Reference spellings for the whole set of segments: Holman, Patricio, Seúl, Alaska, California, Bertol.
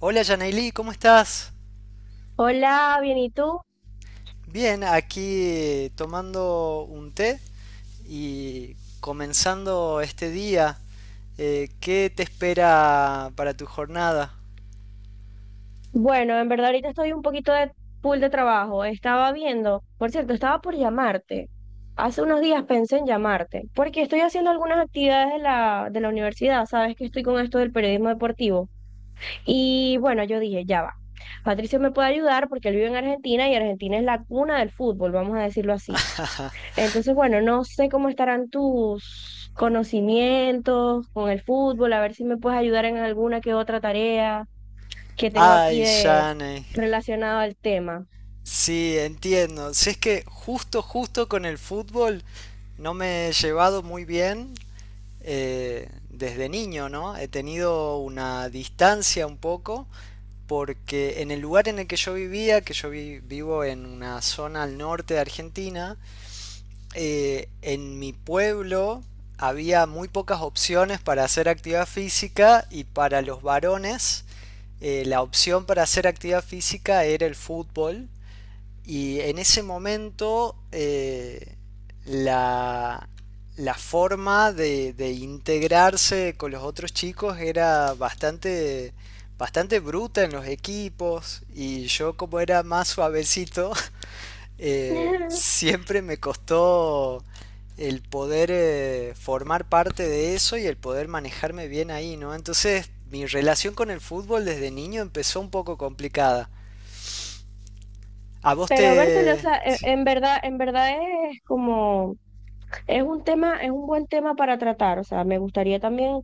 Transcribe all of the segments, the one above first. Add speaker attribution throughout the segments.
Speaker 1: Hola, Yanaili, ¿cómo estás?
Speaker 2: Hola, bien, ¿y tú?
Speaker 1: Bien, aquí tomando un té y comenzando este día. ¿Qué te espera para tu jornada?
Speaker 2: Bueno, en verdad ahorita estoy un poquito de full de trabajo. Estaba viendo, por cierto, estaba por llamarte. Hace unos días pensé en llamarte, porque estoy haciendo algunas actividades de la universidad. Sabes que estoy con esto del periodismo deportivo. Y bueno, yo dije, ya va. Patricio me puede ayudar porque él vive en Argentina y Argentina es la cuna del fútbol, vamos a decirlo así. Entonces, bueno, no sé cómo estarán tus conocimientos con el fútbol, a ver si me puedes ayudar en alguna que otra tarea que tengo aquí
Speaker 1: Ay,
Speaker 2: de
Speaker 1: Yanei.
Speaker 2: relacionado al tema.
Speaker 1: Sí, entiendo. Si es que justo, justo con el fútbol no me he llevado muy bien, desde niño, ¿no? He tenido una distancia un poco porque en el lugar en el que yo vivía, que yo vivo en una zona al norte de Argentina, en mi pueblo había muy pocas opciones para hacer actividad física, y para los varones, la opción para hacer actividad física era el fútbol. Y en ese momento, la, la forma de integrarse con los otros chicos era bastante, bastante bruta en los equipos, y yo como era más suavecito, siempre me costó el poder, formar parte de eso y el poder manejarme bien ahí, ¿no? Entonces mi relación con el fútbol desde niño empezó un poco complicada. ¿A vos
Speaker 2: Pero Bertol, o
Speaker 1: te...
Speaker 2: sea, en verdad es como es un buen tema para tratar, o sea, me gustaría también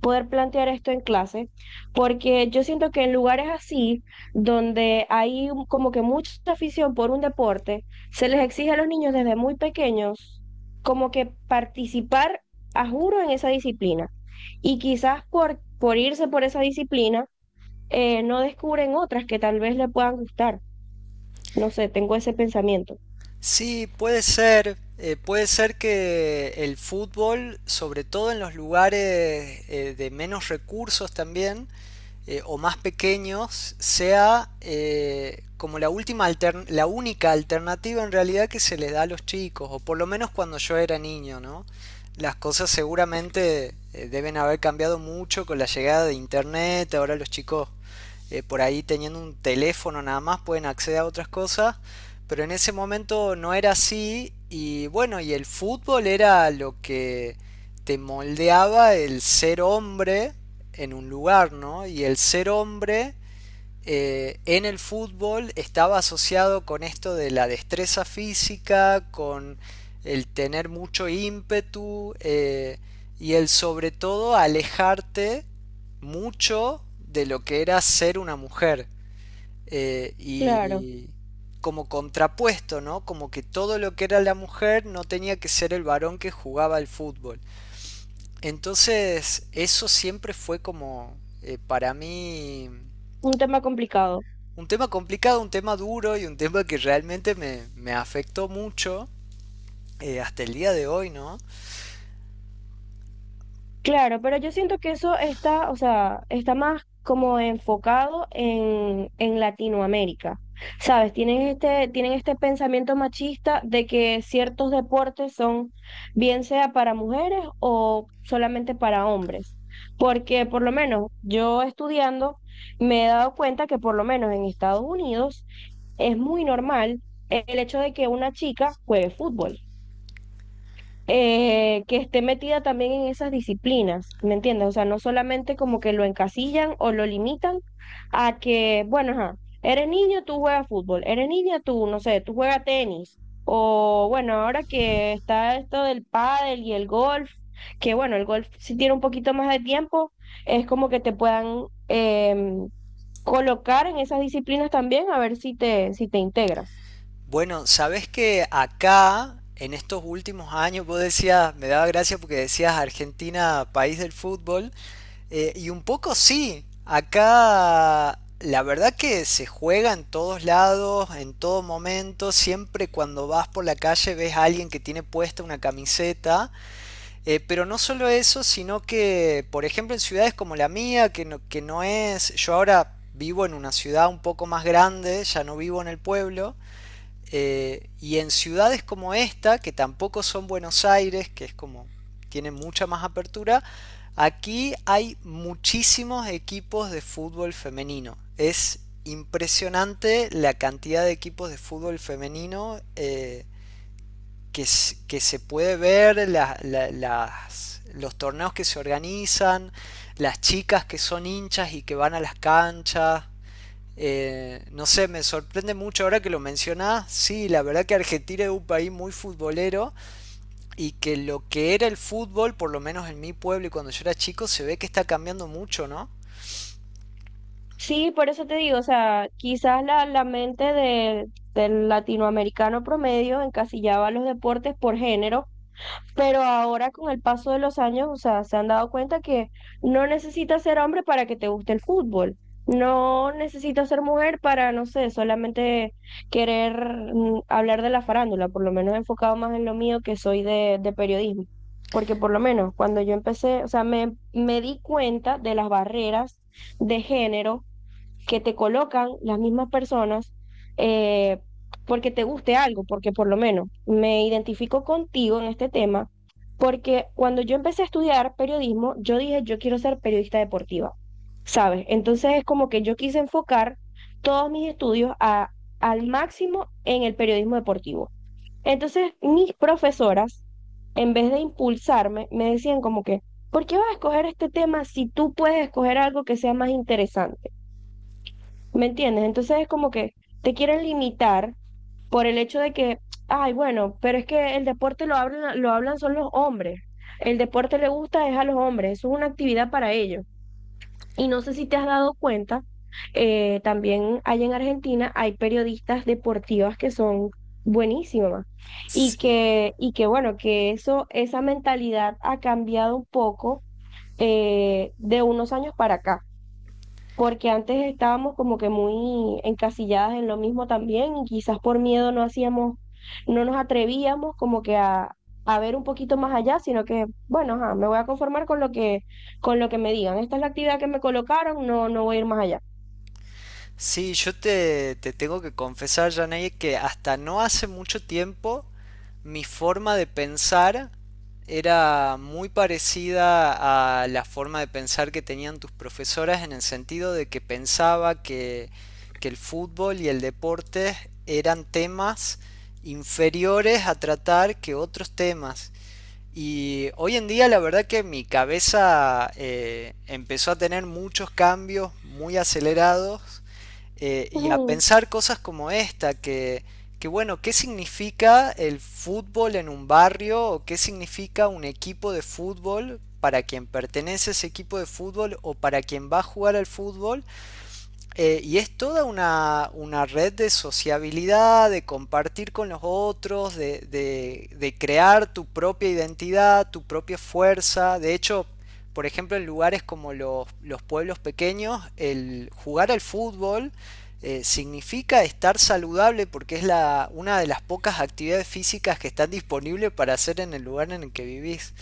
Speaker 2: poder plantear esto en clase, porque yo siento que en lugares así, donde hay como que mucha afición por un deporte, se les exige a los niños desde muy pequeños como que participar a juro en esa disciplina. Y quizás por irse por esa disciplina, no descubren otras que tal vez le puedan gustar. No sé, tengo ese pensamiento.
Speaker 1: Sí, puede ser. Puede ser que el fútbol, sobre todo en los lugares, de menos recursos también, o más pequeños, sea, como la la única alternativa en realidad que se le da a los chicos, o por lo menos cuando yo era niño, ¿no? Las cosas seguramente, deben haber cambiado mucho con la llegada de internet. Ahora los chicos, por ahí teniendo un teléfono nada más pueden acceder a otras cosas, pero en ese momento no era así. Y bueno, y el fútbol era lo que te moldeaba el ser hombre en un lugar, ¿no? Y el ser hombre, en el fútbol estaba asociado con esto de la destreza física, con el tener mucho ímpetu, y el sobre todo alejarte mucho de lo que era ser una mujer.
Speaker 2: Claro,
Speaker 1: Y como contrapuesto, ¿no? Como que todo lo que era la mujer no tenía que ser el varón que jugaba al fútbol. Entonces, eso siempre fue como, para mí
Speaker 2: un tema complicado.
Speaker 1: un tema complicado, un tema duro y un tema que realmente me afectó mucho, hasta el día de hoy, ¿no?
Speaker 2: Claro, pero yo siento que eso está, o sea, está más como enfocado en Latinoamérica. ¿Sabes? Tienen este pensamiento machista de que ciertos deportes son, bien sea para mujeres o solamente para hombres. Porque por lo menos yo estudiando me he dado cuenta que por lo menos en Estados Unidos es muy normal el hecho de que una chica juegue fútbol, que esté metida también en esas disciplinas, ¿me entiendes? O sea, no solamente como que lo encasillan o lo limitan a que, bueno, ajá, eres niño, tú juegas fútbol, eres niña, tú, no sé, tú juegas tenis, o bueno, ahora que está esto del pádel y el golf, que bueno, el golf si tiene un poquito más de tiempo, es como que te puedan colocar en esas disciplinas también a ver si te, integras.
Speaker 1: Bueno, sabes que acá, en estos últimos años, vos decías, me daba gracia porque decías Argentina, país del fútbol, y un poco sí, acá la verdad que se juega en todos lados, en todo momento, siempre cuando vas por la calle ves a alguien que tiene puesta una camiseta, pero no solo eso, sino que, por ejemplo, en ciudades como la mía, que no es... Yo ahora vivo en una ciudad un poco más grande, ya no vivo en el pueblo, y en ciudades como esta, que tampoco son Buenos Aires, que es como... Tiene mucha más apertura, aquí hay muchísimos equipos de fútbol femenino. Es impresionante la cantidad de equipos de fútbol femenino, que, que se puede ver, los torneos que se organizan, las chicas que son hinchas y que van a las canchas. No sé, me sorprende mucho ahora que lo mencionás. Sí, la verdad que Argentina es un país muy futbolero y que lo que era el fútbol, por lo menos en mi pueblo y cuando yo era chico, se ve que está cambiando mucho, ¿no?
Speaker 2: Sí, por eso te digo, o sea, quizás la mente del latinoamericano promedio encasillaba los deportes por género, pero ahora con el paso de los años, o sea, se han dado cuenta que no necesitas ser hombre para que te guste el fútbol, no necesitas ser mujer para, no sé, solamente querer hablar de la farándula, por lo menos enfocado más en lo mío que soy de periodismo, porque por lo menos cuando yo empecé, o sea, me di cuenta de las barreras de género que te colocan las mismas personas, eh, porque te guste algo, porque por lo menos me identifico contigo en este tema, porque cuando yo empecé a estudiar periodismo, yo dije, yo quiero ser periodista deportiva, ¿sabes? Entonces es como que yo quise enfocar todos mis estudios al máximo en el periodismo deportivo. Entonces mis profesoras, en vez de impulsarme, me decían como que, ¿por qué vas a escoger este tema si tú puedes escoger algo que sea más interesante? ¿Me entiendes? Entonces es como que te quieren limitar por el hecho de que, ay, bueno, pero es que el deporte lo hablan son los hombres. El deporte le gusta es a los hombres, eso es una actividad para ellos. Y no sé si te has dado cuenta, también hay en Argentina, hay periodistas deportivas que son buenísimas
Speaker 1: Sí,
Speaker 2: y que bueno, que eso, esa mentalidad ha cambiado un poco, de unos años para acá, porque antes estábamos como que muy encasilladas en lo mismo también y quizás por miedo no hacíamos, no nos atrevíamos como que a, ver un poquito más allá, sino que, bueno, ajá, me voy a conformar con lo que me digan. Esta es la actividad que me colocaron, no, no voy a ir más allá.
Speaker 1: sí, yo te tengo que confesar, Janey, que hasta no hace mucho tiempo mi forma de pensar era muy parecida a la forma de pensar que tenían tus profesoras, en el sentido de que pensaba que el fútbol y el deporte eran temas inferiores a tratar que otros temas. Y hoy en día la verdad que mi cabeza, empezó a tener muchos cambios muy acelerados, y a
Speaker 2: Ujú.
Speaker 1: pensar cosas como esta, que bueno, ¿qué significa el fútbol en un barrio o qué significa un equipo de fútbol para quien pertenece a ese equipo de fútbol o para quien va a jugar al fútbol? Y es toda una red de sociabilidad, de compartir con los otros, de crear tu propia identidad, tu propia fuerza. De hecho, por ejemplo, en lugares como los pueblos pequeños, el jugar al fútbol, significa estar saludable porque es la, una de las pocas actividades físicas que están disponibles para hacer en el lugar en el que vivís.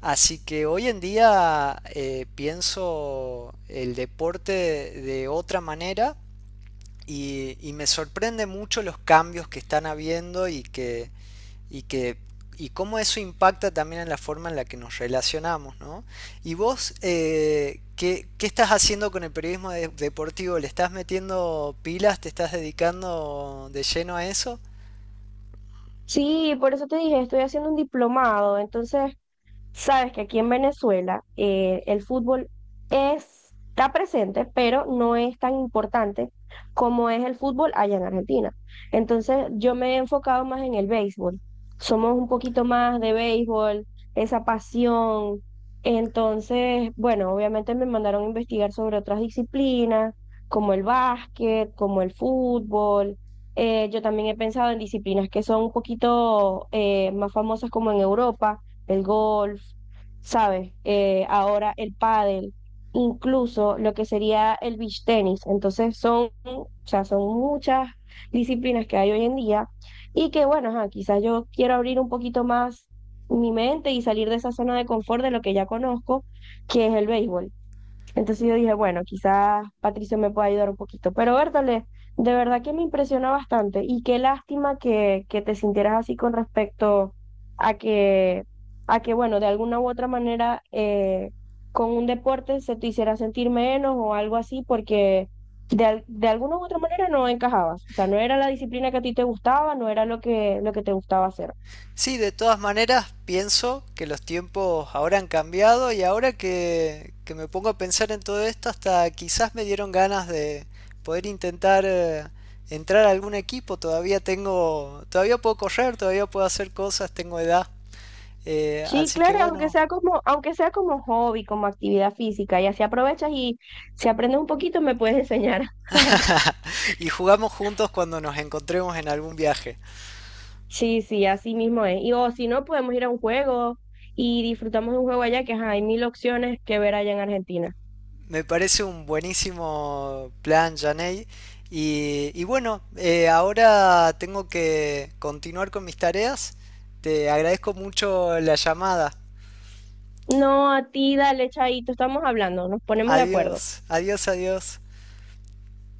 Speaker 1: Así que hoy en día, pienso el deporte de otra manera, y me sorprende mucho los cambios que están habiendo y que y cómo eso impacta también en la forma en la que nos relacionamos, ¿no? Y vos, ¿qué, qué estás haciendo con el periodismo deportivo? ¿Le estás metiendo pilas? ¿Te estás dedicando de lleno a eso?
Speaker 2: Sí, por eso te dije, estoy haciendo un diplomado, entonces sabes que aquí en Venezuela, el fútbol está presente, pero no es tan importante como es el fútbol allá en Argentina. Entonces yo me he enfocado más en el béisbol. Somos un poquito más de béisbol, esa pasión. Entonces, bueno, obviamente me mandaron a investigar sobre otras disciplinas, como el básquet, como el fútbol. Yo también he pensado en disciplinas que son un poquito, más famosas, como en Europa el golf, ¿sabes? Ahora el pádel, incluso lo que sería el beach tenis. Entonces son, o sea, son muchas disciplinas que hay hoy en día y que, bueno, ajá, quizás yo quiero abrir un poquito más mi mente y salir de esa zona de confort de lo que ya conozco, que es el béisbol. Entonces yo dije, bueno, quizás Patricio me pueda ayudar un poquito. Pero Bertale, de verdad que me impresiona bastante y qué lástima que, te sintieras así con respecto a que, bueno, de alguna u otra manera, con un deporte se te hiciera sentir menos o algo así, porque de alguna u otra manera no encajabas. O sea, no era la disciplina que a ti te gustaba, no era lo que te gustaba hacer.
Speaker 1: Sí, de todas maneras pienso que los tiempos ahora han cambiado, y ahora que me pongo a pensar en todo esto, hasta quizás me dieron ganas de poder intentar, entrar a algún equipo. Todavía tengo, todavía puedo correr, todavía puedo hacer cosas, tengo edad.
Speaker 2: Sí,
Speaker 1: Así que
Speaker 2: claro, aunque
Speaker 1: bueno,
Speaker 2: sea como, aunque sea como hobby, como actividad física, y así aprovechas y si aprendes un poquito me puedes enseñar.
Speaker 1: y jugamos juntos cuando nos encontremos en algún viaje.
Speaker 2: Sí, sí, así mismo es. Y o si no, podemos ir a un juego y disfrutamos de un juego allá, que ajá, hay mil opciones que ver allá en Argentina.
Speaker 1: Me parece un buenísimo plan, Janey. Y bueno, ahora tengo que continuar con mis tareas. Te agradezco mucho la llamada.
Speaker 2: No, a ti, dale, chaito, estamos hablando, nos ponemos de acuerdo.
Speaker 1: Adiós, adiós, adiós.